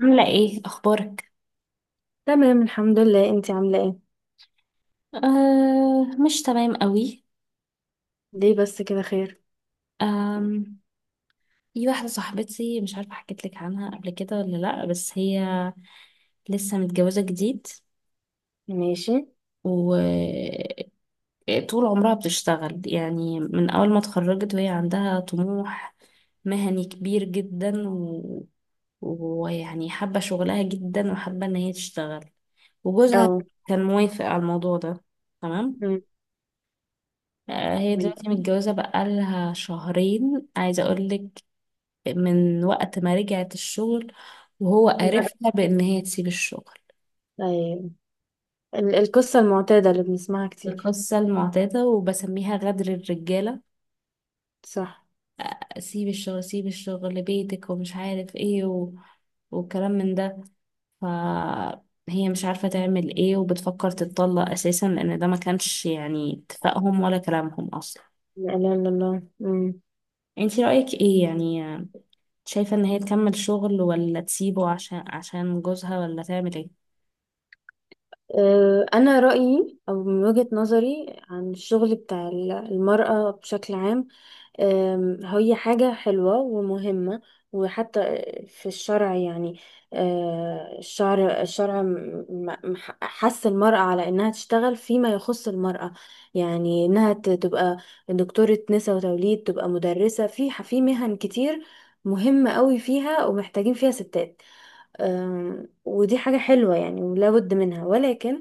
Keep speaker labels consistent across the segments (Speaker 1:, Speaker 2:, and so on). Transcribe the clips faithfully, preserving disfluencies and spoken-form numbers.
Speaker 1: عاملة ايه اخبارك؟
Speaker 2: تمام، الحمد لله. انتي عاملة ايه؟
Speaker 1: آه، مش تمام قوي.
Speaker 2: ليه بس كده؟ خير.
Speaker 1: آم في واحدة صاحبتي، مش عارفة حكيت لك عنها قبل كده ولا لا، بس هي لسه متجوزة جديد،
Speaker 2: ماشي.
Speaker 1: وطول عمرها بتشتغل يعني من اول ما اتخرجت، وهي عندها طموح مهني كبير جدا و... ويعني حابة شغلها جدا، وحابة ان هي تشتغل،
Speaker 2: او.
Speaker 1: وجوزها كان موافق على الموضوع ده، تمام.
Speaker 2: مم.
Speaker 1: آه، هي
Speaker 2: مم.
Speaker 1: دلوقتي متجوزة بقالها شهرين، عايزة أقولك، من وقت ما رجعت الشغل وهو
Speaker 2: مم.
Speaker 1: قرفها بإن هي تسيب الشغل.
Speaker 2: ايوه. ال- القصة المعتادة اللي بنسمعها كتير.
Speaker 1: القصة المعتادة وبسميها غدر الرجالة.
Speaker 2: صح.
Speaker 1: سيب الشغل، سيب الشغل لبيتك، ومش عارف ايه و... وكلام من ده. فهي مش عارفة تعمل ايه، وبتفكر تتطلق أساسا، لأن ده ما كانش يعني اتفاقهم ولا كلامهم أصلا.
Speaker 2: لا اله الا الله. مم.
Speaker 1: انتي رأيك ايه يعني؟ شايفة ان هي تكمل شغل ولا تسيبه عشان عشان جوزها، ولا تعمل ايه؟
Speaker 2: اه، انا رأيي، او من وجهة نظري عن الشغل بتاع ال- المرأة بشكل عام. أم، هي حاجة حلوة ومهمة، وحتى في الشرع، يعني أه، الشرع، الشرع م- م- حث المرأة على إنها تشتغل فيما يخص المرأة، يعني إنها ت- تبقى دكتورة نساء وتوليد، تبقى مدرسة، في في مهن كتير مهمة قوي فيها ومحتاجين فيها ستات. أم، ودي حاجة حلوة يعني ولا بد منها، ولكن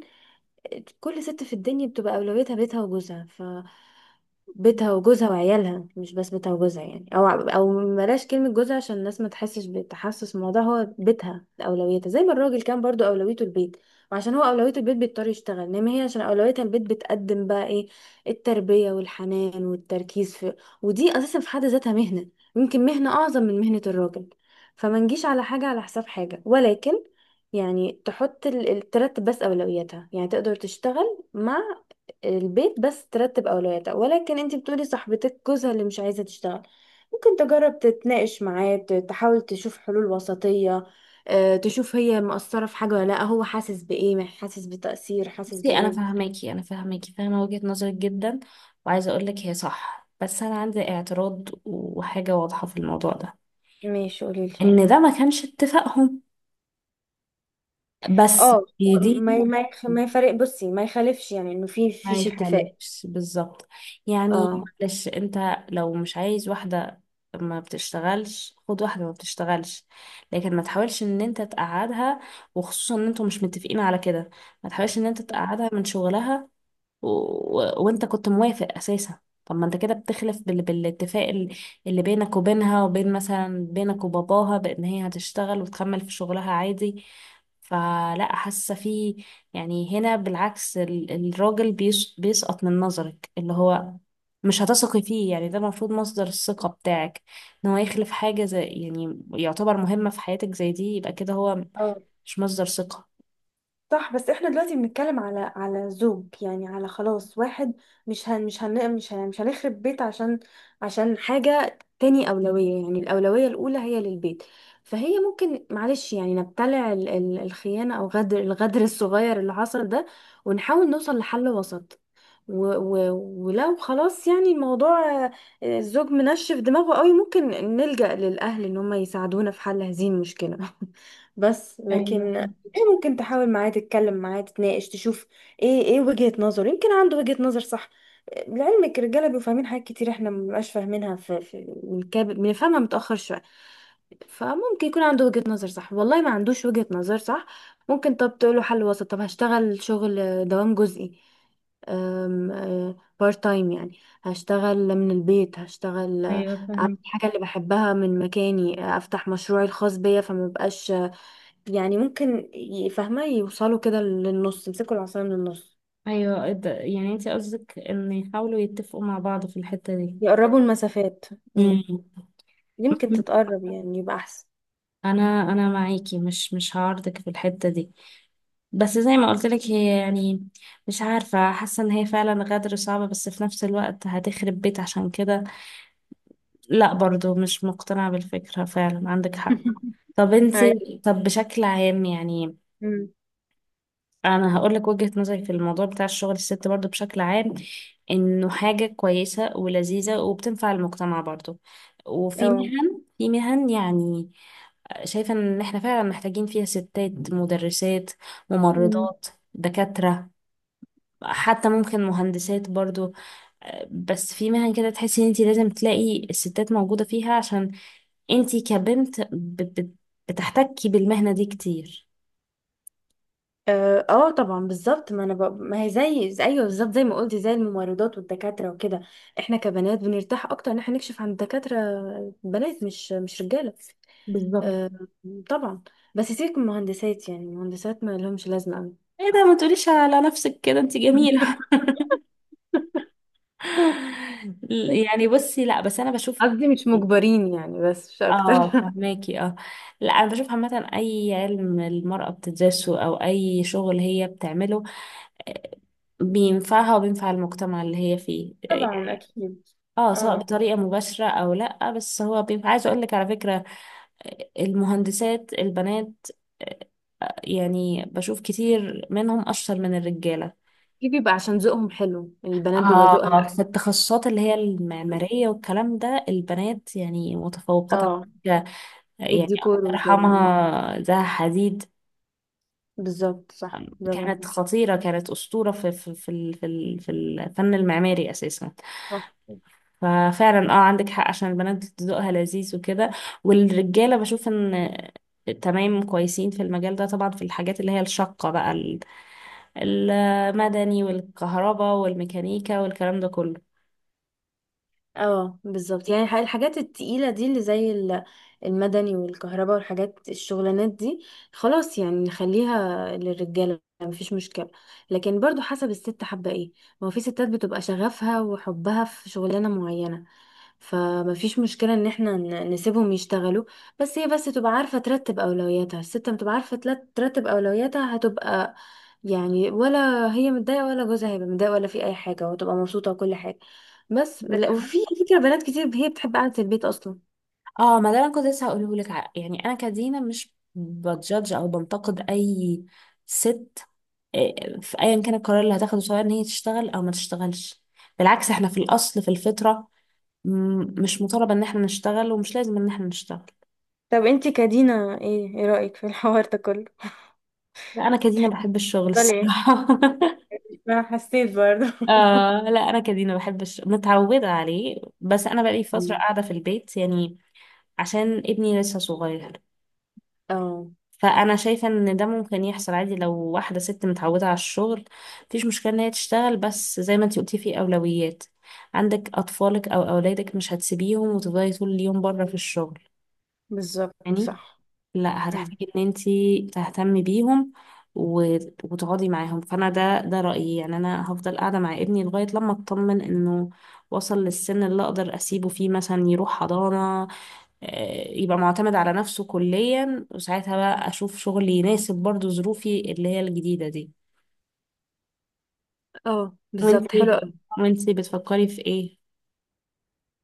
Speaker 2: كل ست في الدنيا بتبقى أولويتها بيتها وجوزها، بيتها وجوزها وعيالها، مش بس بيتها وجوزها يعني، او او بلاش كلمة جوزها عشان الناس ما تحسش بتحسس، الموضوع هو بيتها اولويتها، زي ما الراجل كان برضو اولويته البيت، وعشان هو اولويته البيت بيضطر يشتغل، انما هي عشان اولويتها البيت بتقدم بقى ايه؟ التربية والحنان والتركيز في. ودي اساسا في حد ذاتها مهنة، يمكن مهنة اعظم من مهنة الراجل. فما نجيش على حاجة على حساب حاجة، ولكن يعني تحط ال- ال- ترتب بس اولوياتها، يعني تقدر تشتغل مع البيت، بس ترتب اولوياتها. ولكن انت بتقولي صاحبتك جوزها اللي مش عايزه تشتغل، ممكن تجرب تتناقش معاه، ت- تحاول تشوف حلول وسطيه. آه، تشوف هي مقصره في حاجه ولا لا، هو حاسس بايه، مح- حاسس بتأثير، حاسس
Speaker 1: بصي، انا
Speaker 2: بايه.
Speaker 1: فاهماكي انا فاهماكي فاهمة وجهة نظرك جدا، وعايزة اقولك هي صح، بس انا عندي اعتراض وحاجة واضحة في الموضوع ده،
Speaker 2: ماشي، قوليلي.
Speaker 1: ان ده ما كانش اتفاقهم. بس
Speaker 2: اه،
Speaker 1: دي
Speaker 2: ما
Speaker 1: دي
Speaker 2: ما يخ- ما يفرق، بصي، ما يخالفش يعني انه في
Speaker 1: ما
Speaker 2: فيش اتفاق.
Speaker 1: يخالفش بالظبط، يعني
Speaker 2: اه،
Speaker 1: معلش انت، لو مش عايز واحدة ما بتشتغلش خد واحدة ما بتشتغلش، لكن ما تحاولش ان انت تقعدها، وخصوصا ان انتوا مش متفقين على كده، ما تحاولش ان انت تقعدها من شغلها، و... و... وانت كنت موافق اساسا. طب ما انت كده بتخلف بال... بالاتفاق ال- اللي بينك وبينها، وبين مثلا بينك وباباها، بان هي هتشتغل وتكمل في شغلها عادي. فلا، حاسه في، يعني هنا بالعكس ال... الراجل بيس... بيسقط من نظرك، اللي هو مش هتثقي فيه، يعني ده المفروض مصدر الثقة بتاعك، ان هو يخلف حاجة زي، يعني، يعتبر مهمة في حياتك زي دي، يبقى كده هو
Speaker 2: اه،
Speaker 1: مش مصدر ثقة.
Speaker 2: صح. بس احنا دلوقتي بنتكلم على على زوج، يعني على خلاص واحد. مش هن مش هن مش هن مش هنخرب بيت عشان عشان حاجة تاني أولوية، يعني الأولوية الأولى هي للبيت. فهي ممكن معلش يعني نبتلع ال- ال- الخيانة أو غدر الغدر الصغير اللي حصل ده، ونحاول نوصل لحل وسط. و و ولو خلاص يعني الموضوع، آه، الزوج منشف دماغه قوي، ممكن نلجأ للأهل إن هم يساعدونا في حل هذه المشكلة. بس
Speaker 1: ايوه،
Speaker 2: لكن ايه،
Speaker 1: فهمت.
Speaker 2: ممكن تحاول معاه، تتكلم معاه، تتناقش، تشوف ايه ايه وجهة نظره. يمكن عنده وجهة نظر صح. آه، لعلمك، الرجالة بيبقوا فاهمين حاجات كتير احنا مبنبقاش فاهمينها، في, في بنكاب- بنفهمها متأخر شوية. فممكن يكون عنده وجهة نظر صح، والله ما عندوش وجهة نظر صح. ممكن طب تقوله حل وسط، طب هشتغل شغل دوام جزئي، بارت تايم، يعني هشتغل من البيت، هشتغل، آه،
Speaker 1: ايوه،
Speaker 2: اعمل
Speaker 1: فهمت.
Speaker 2: الحاجة اللي بحبها من مكاني، آه، افتح مشروعي الخاص بيا، فما بقاش يعني، ممكن ي- فاهمة، يوصلوا كده للنص، يمسكوا العصاية من النص،
Speaker 1: ايوه، ده- يعني انت قصدك ان يحاولوا يتفقوا مع بعض في الحتة دي.
Speaker 2: يقربوا المسافات. مم.
Speaker 1: مم.
Speaker 2: يمكن تتقرب يعني يبقى احسن.
Speaker 1: انا انا معاكي، مش مش هعارضك في الحتة دي، بس زي ما قلت لك هي يعني مش عارفة، حاسة ان هي فعلا غدر صعبة، بس في نفس الوقت هتخرب بيت عشان كده، لا برضو مش مقتنعة بالفكرة، فعلا عندك حق. طب انت
Speaker 2: أيوة.
Speaker 1: طب بشكل عام يعني،
Speaker 2: مم.
Speaker 1: انا هقول لك وجهة نظري في الموضوع بتاع الشغل الست برضو بشكل عام، انه حاجة كويسة ولذيذة وبتنفع المجتمع برضو، وفي
Speaker 2: اه.
Speaker 1: مهن في مهن يعني، شايفة ان احنا فعلا محتاجين فيها ستات: مدرسات،
Speaker 2: مم.
Speaker 1: ممرضات، دكاترة، حتى ممكن مهندسات برضو. بس في مهن كده تحسي ان انت لازم تلاقي الستات موجودة فيها، عشان انت كبنت ب- ب- بتحتكي بالمهنة دي كتير.
Speaker 2: اه، آه طبعا، بالظبط، ما انا ب... ما هي زي زي- ايوه، بالظبط زي ما قلتي، زي الممرضات والدكاتره وكده. احنا كبنات بنرتاح اكتر ان احنا نكشف عن الدكاتره بنات، مش مش رجاله.
Speaker 1: بالظبط.
Speaker 2: آه طبعا. بس سيبك من المهندسات، يعني المهندسات ما لهمش لازمه قوي.
Speaker 1: ايه ده! ما تقوليش على نفسك كده، انت جميلة. يعني بصي، لا بس انا بشوف،
Speaker 2: قصدي مش مجبرين يعني، بس مش اكتر.
Speaker 1: اه فهماكي، اه. لا، انا بشوف عامة اي علم المرأة بتدرسه او اي شغل هي بتعمله، آه، بينفعها وبينفع المجتمع اللي هي فيه،
Speaker 2: طبعا، أكيد.
Speaker 1: اه سواء
Speaker 2: اه،
Speaker 1: بطريقة مباشرة او لا، بس هو بينفع. عايزة اقول لك على فكرة، آه، المهندسات البنات، آه، يعني بشوف كتير منهم اشطر من الرجالة،
Speaker 2: دي بيبقى عشان ذوقهم حلو، البنات بيبقى ذوقها
Speaker 1: آه في التخصصات اللي هي
Speaker 2: حلو.
Speaker 1: المعمارية والكلام ده، البنات يعني متفوقات على
Speaker 2: اه،
Speaker 1: فكرة. يعني الله
Speaker 2: والديكور وكده. اه،
Speaker 1: يرحمها زها حديد،
Speaker 2: بالظبط، صح، برافو
Speaker 1: كانت
Speaker 2: عليكي.
Speaker 1: خطيرة، كانت أسطورة في في في ال- في ال- في الفن المعماري أساسا.
Speaker 2: صح.
Speaker 1: ففعلا اه عندك حق، عشان البنات ذوقها لذيذ وكده، والرجالة بشوف إن تمام كويسين في المجال ده طبعا، في الحاجات اللي هي الشاقة بقى، ال- المدني والكهرباء والميكانيكا والكلام ده كله.
Speaker 2: اه، بالظبط، يعني الح- الحاجات التقيلة دي اللي زي ال- المدني والكهرباء والحاجات الشغلانات دي، خلاص يعني نخليها للرجالة مفيش مشكلة. لكن برضو حسب الست حابة ايه. ما هو في ستات بتبقى شغفها وحبها في شغلانة معينة، فمفيش مشكلة ان احنا ن- نسيبهم يشتغلوا. بس هي بس تبقى عارفة ترتب اولوياتها، الست لما تبقى عارفة تلت- ترتب اولوياتها هتبقى، يعني، ولا هي متضايقة ولا جوزها هيبقى متضايق ولا في اي حاجة، وتبقى مبسوطة وكل حاجة. بس
Speaker 1: عندك
Speaker 2: لا،
Speaker 1: حق.
Speaker 2: وفي على فكرة بنات كتير هي بتحب قعدة البيت اصلا.
Speaker 1: اه، ما ده انا كنت لسه هقوله لك، ع- يعني انا كدينا مش بتجادج او بنتقد اي ست، آه، في ايا كان القرار اللي هتاخده، سواء ان هي تشتغل او ما تشتغلش، بالعكس احنا في الاصل في الفطره م- مش مطالب ان احنا نشتغل، ومش لازم ان احنا نشتغل.
Speaker 2: طب انتي كدينا، ايه ايه رأيك في الحوار ده كله؟
Speaker 1: لا، انا كدينا بحب الشغل
Speaker 2: بل ايه؟
Speaker 1: الصراحه.
Speaker 2: ما حسيت برضه؟
Speaker 1: آه لا، انا كدينا بحب الشغل، متعوده عليه، بس انا بقالي فتره
Speaker 2: مم.
Speaker 1: قاعده في البيت يعني، عشان ابني لسه صغير،
Speaker 2: اه،
Speaker 1: فانا شايفه ان ده ممكن يحصل عادي لو واحده ست متعوده على الشغل، مفيش مشكله ان هي تشتغل، بس زي ما انتي قلتي في اولويات، عندك اطفالك او اولادك مش هتسيبيهم وتفضلي طول اليوم بره في الشغل،
Speaker 2: بالظبط،
Speaker 1: يعني
Speaker 2: صح.
Speaker 1: لا،
Speaker 2: مم.
Speaker 1: هتحتاجي ان انتي تهتمي بيهم و- وتقعدي معاهم، فانا ده ده رايي، يعني انا هفضل قاعده مع ابني لغايه لما اطمن انه وصل للسن اللي اقدر اسيبه فيه مثلا يروح حضانه، آه، يبقى معتمد على نفسه كليا، وساعتها بقى اشوف شغل يناسب برضو ظروفي اللي هي الجديدة دي.
Speaker 2: اه، بالظبط، حلو.
Speaker 1: وانتي وانتي بتفكري في ايه، ان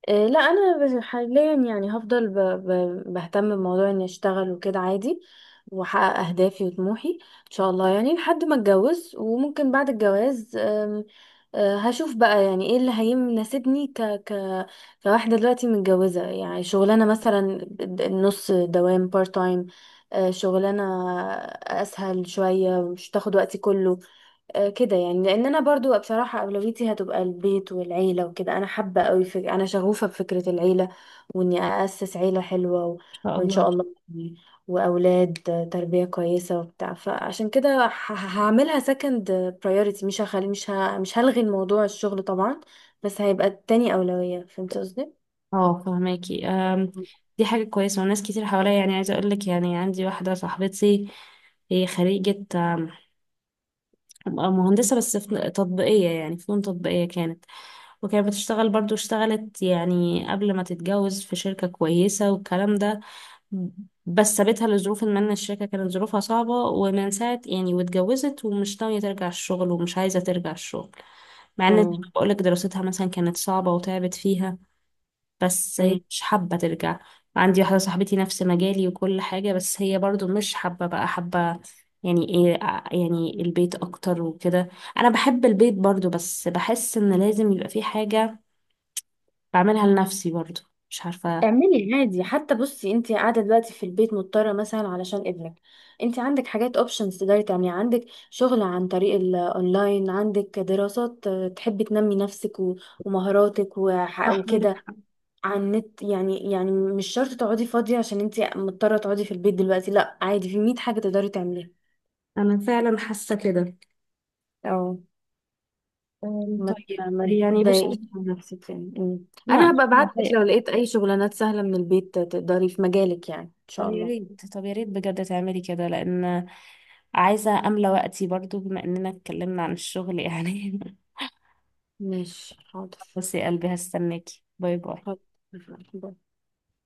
Speaker 2: إيه، لا، انا بس- حاليا يعني هفضل ب... ب... بهتم بموضوع اني اشتغل وكده عادي، واحقق اهدافي وطموحي ان شاء الله، يعني لحد ما اتجوز، وممكن بعد الجواز أم، أه، هشوف بقى يعني ايه اللي هيناسبني ك... ك... كواحدة دلوقتي متجوزة، يعني شغلانة مثلا، د- نص دوام، بارت تايم، شغلانة اسهل شوية مش تاخد وقتي كله. آه، كده يعني، لان انا برضو بصراحه اولويتي هتبقى البيت والعيله وكده، انا حابه قوي فك... انا شغوفه بفكره العيله، واني اسس عيله حلوه و...
Speaker 1: شاء
Speaker 2: وان
Speaker 1: الله.
Speaker 2: شاء الله يعني، واولاد تربيه كويسه وبتاع. فعشان كده ه... هعملها سكند برايورتي، مش هخلي مش ه... مش هلغي الموضوع الشغل طبعا، بس هيبقى تاني اولويه. فهمت قصدي؟
Speaker 1: اه فهماكي، آم، دي حاجة كويسة، وناس كتير حواليا يعني، عايزة اقولك يعني، عندي واحدة صاحبتي، هي خريجة آم، مهندسة، بس في تطبيقية، يعني فنون تطبيقية كانت، وكانت بتشتغل برضو، اشتغلت يعني قبل ما تتجوز في شركة كويسة والكلام ده، بس سابتها لظروف، ما إن الشركة كانت ظروفها صعبة، ومن ساعة يعني واتجوزت، ومش ناوية ترجع الشغل، ومش عايزة ترجع الشغل، مع إن زي
Speaker 2: اه،
Speaker 1: ما بقولك دراستها مثلا كانت صعبة وتعبت فيها، بس هي مش حابة ترجع. عندي واحدة صاحبتي نفس مجالي وكل حاجة، بس هي برضو مش حابة بقى، حابة يعني ايه، ع- يعني البيت اكتر وكده، انا بحب البيت برضو، بس بحس ان لازم يبقى في حاجة بعملها لنفسي برضو، مش عارفة.
Speaker 2: اعملي عادي. حتى بصي، انت قاعده دلوقتي في البيت مضطره مثلا علشان ابنك، انت عندك حاجات، اوبشنز تقدري تعمليها، عندك شغل عن طريق الاونلاين، عندك دراسات، آه، تحبي تنمي نفسك و- ومهاراتك وح-
Speaker 1: صح عندك
Speaker 2: وكده،
Speaker 1: حق.
Speaker 2: على النت يعني يعني مش شرط تقعدي فاضيه عشان انت مضطره تقعدي في البيت دلوقتي. لا، عادي، في مية حاجه تقدري تعمليها.
Speaker 1: انا فعلا حاسة كده.
Speaker 2: أو،
Speaker 1: أم،
Speaker 2: ما ت-
Speaker 1: طيب
Speaker 2: ما
Speaker 1: يعني بصي.
Speaker 2: تضايقيش من نفسك يعني أمم.
Speaker 1: لا
Speaker 2: انا
Speaker 1: مش
Speaker 2: هبقى ابعت لك لو
Speaker 1: متضايقة.
Speaker 2: لقيت اي شغلانات سهله من البيت تقدري في مجالك، يعني ان
Speaker 1: طب
Speaker 2: شاء
Speaker 1: يا
Speaker 2: الله.
Speaker 1: ريت طب يا ريت بجد تعملي كده، لان عايزه املى وقتي برضو، بما اننا اتكلمنا عن الشغل يعني.
Speaker 2: ماشي، حاضر.
Speaker 1: بصي يا قلبي، هستناكي. باي باي.
Speaker 2: خلاص. باي.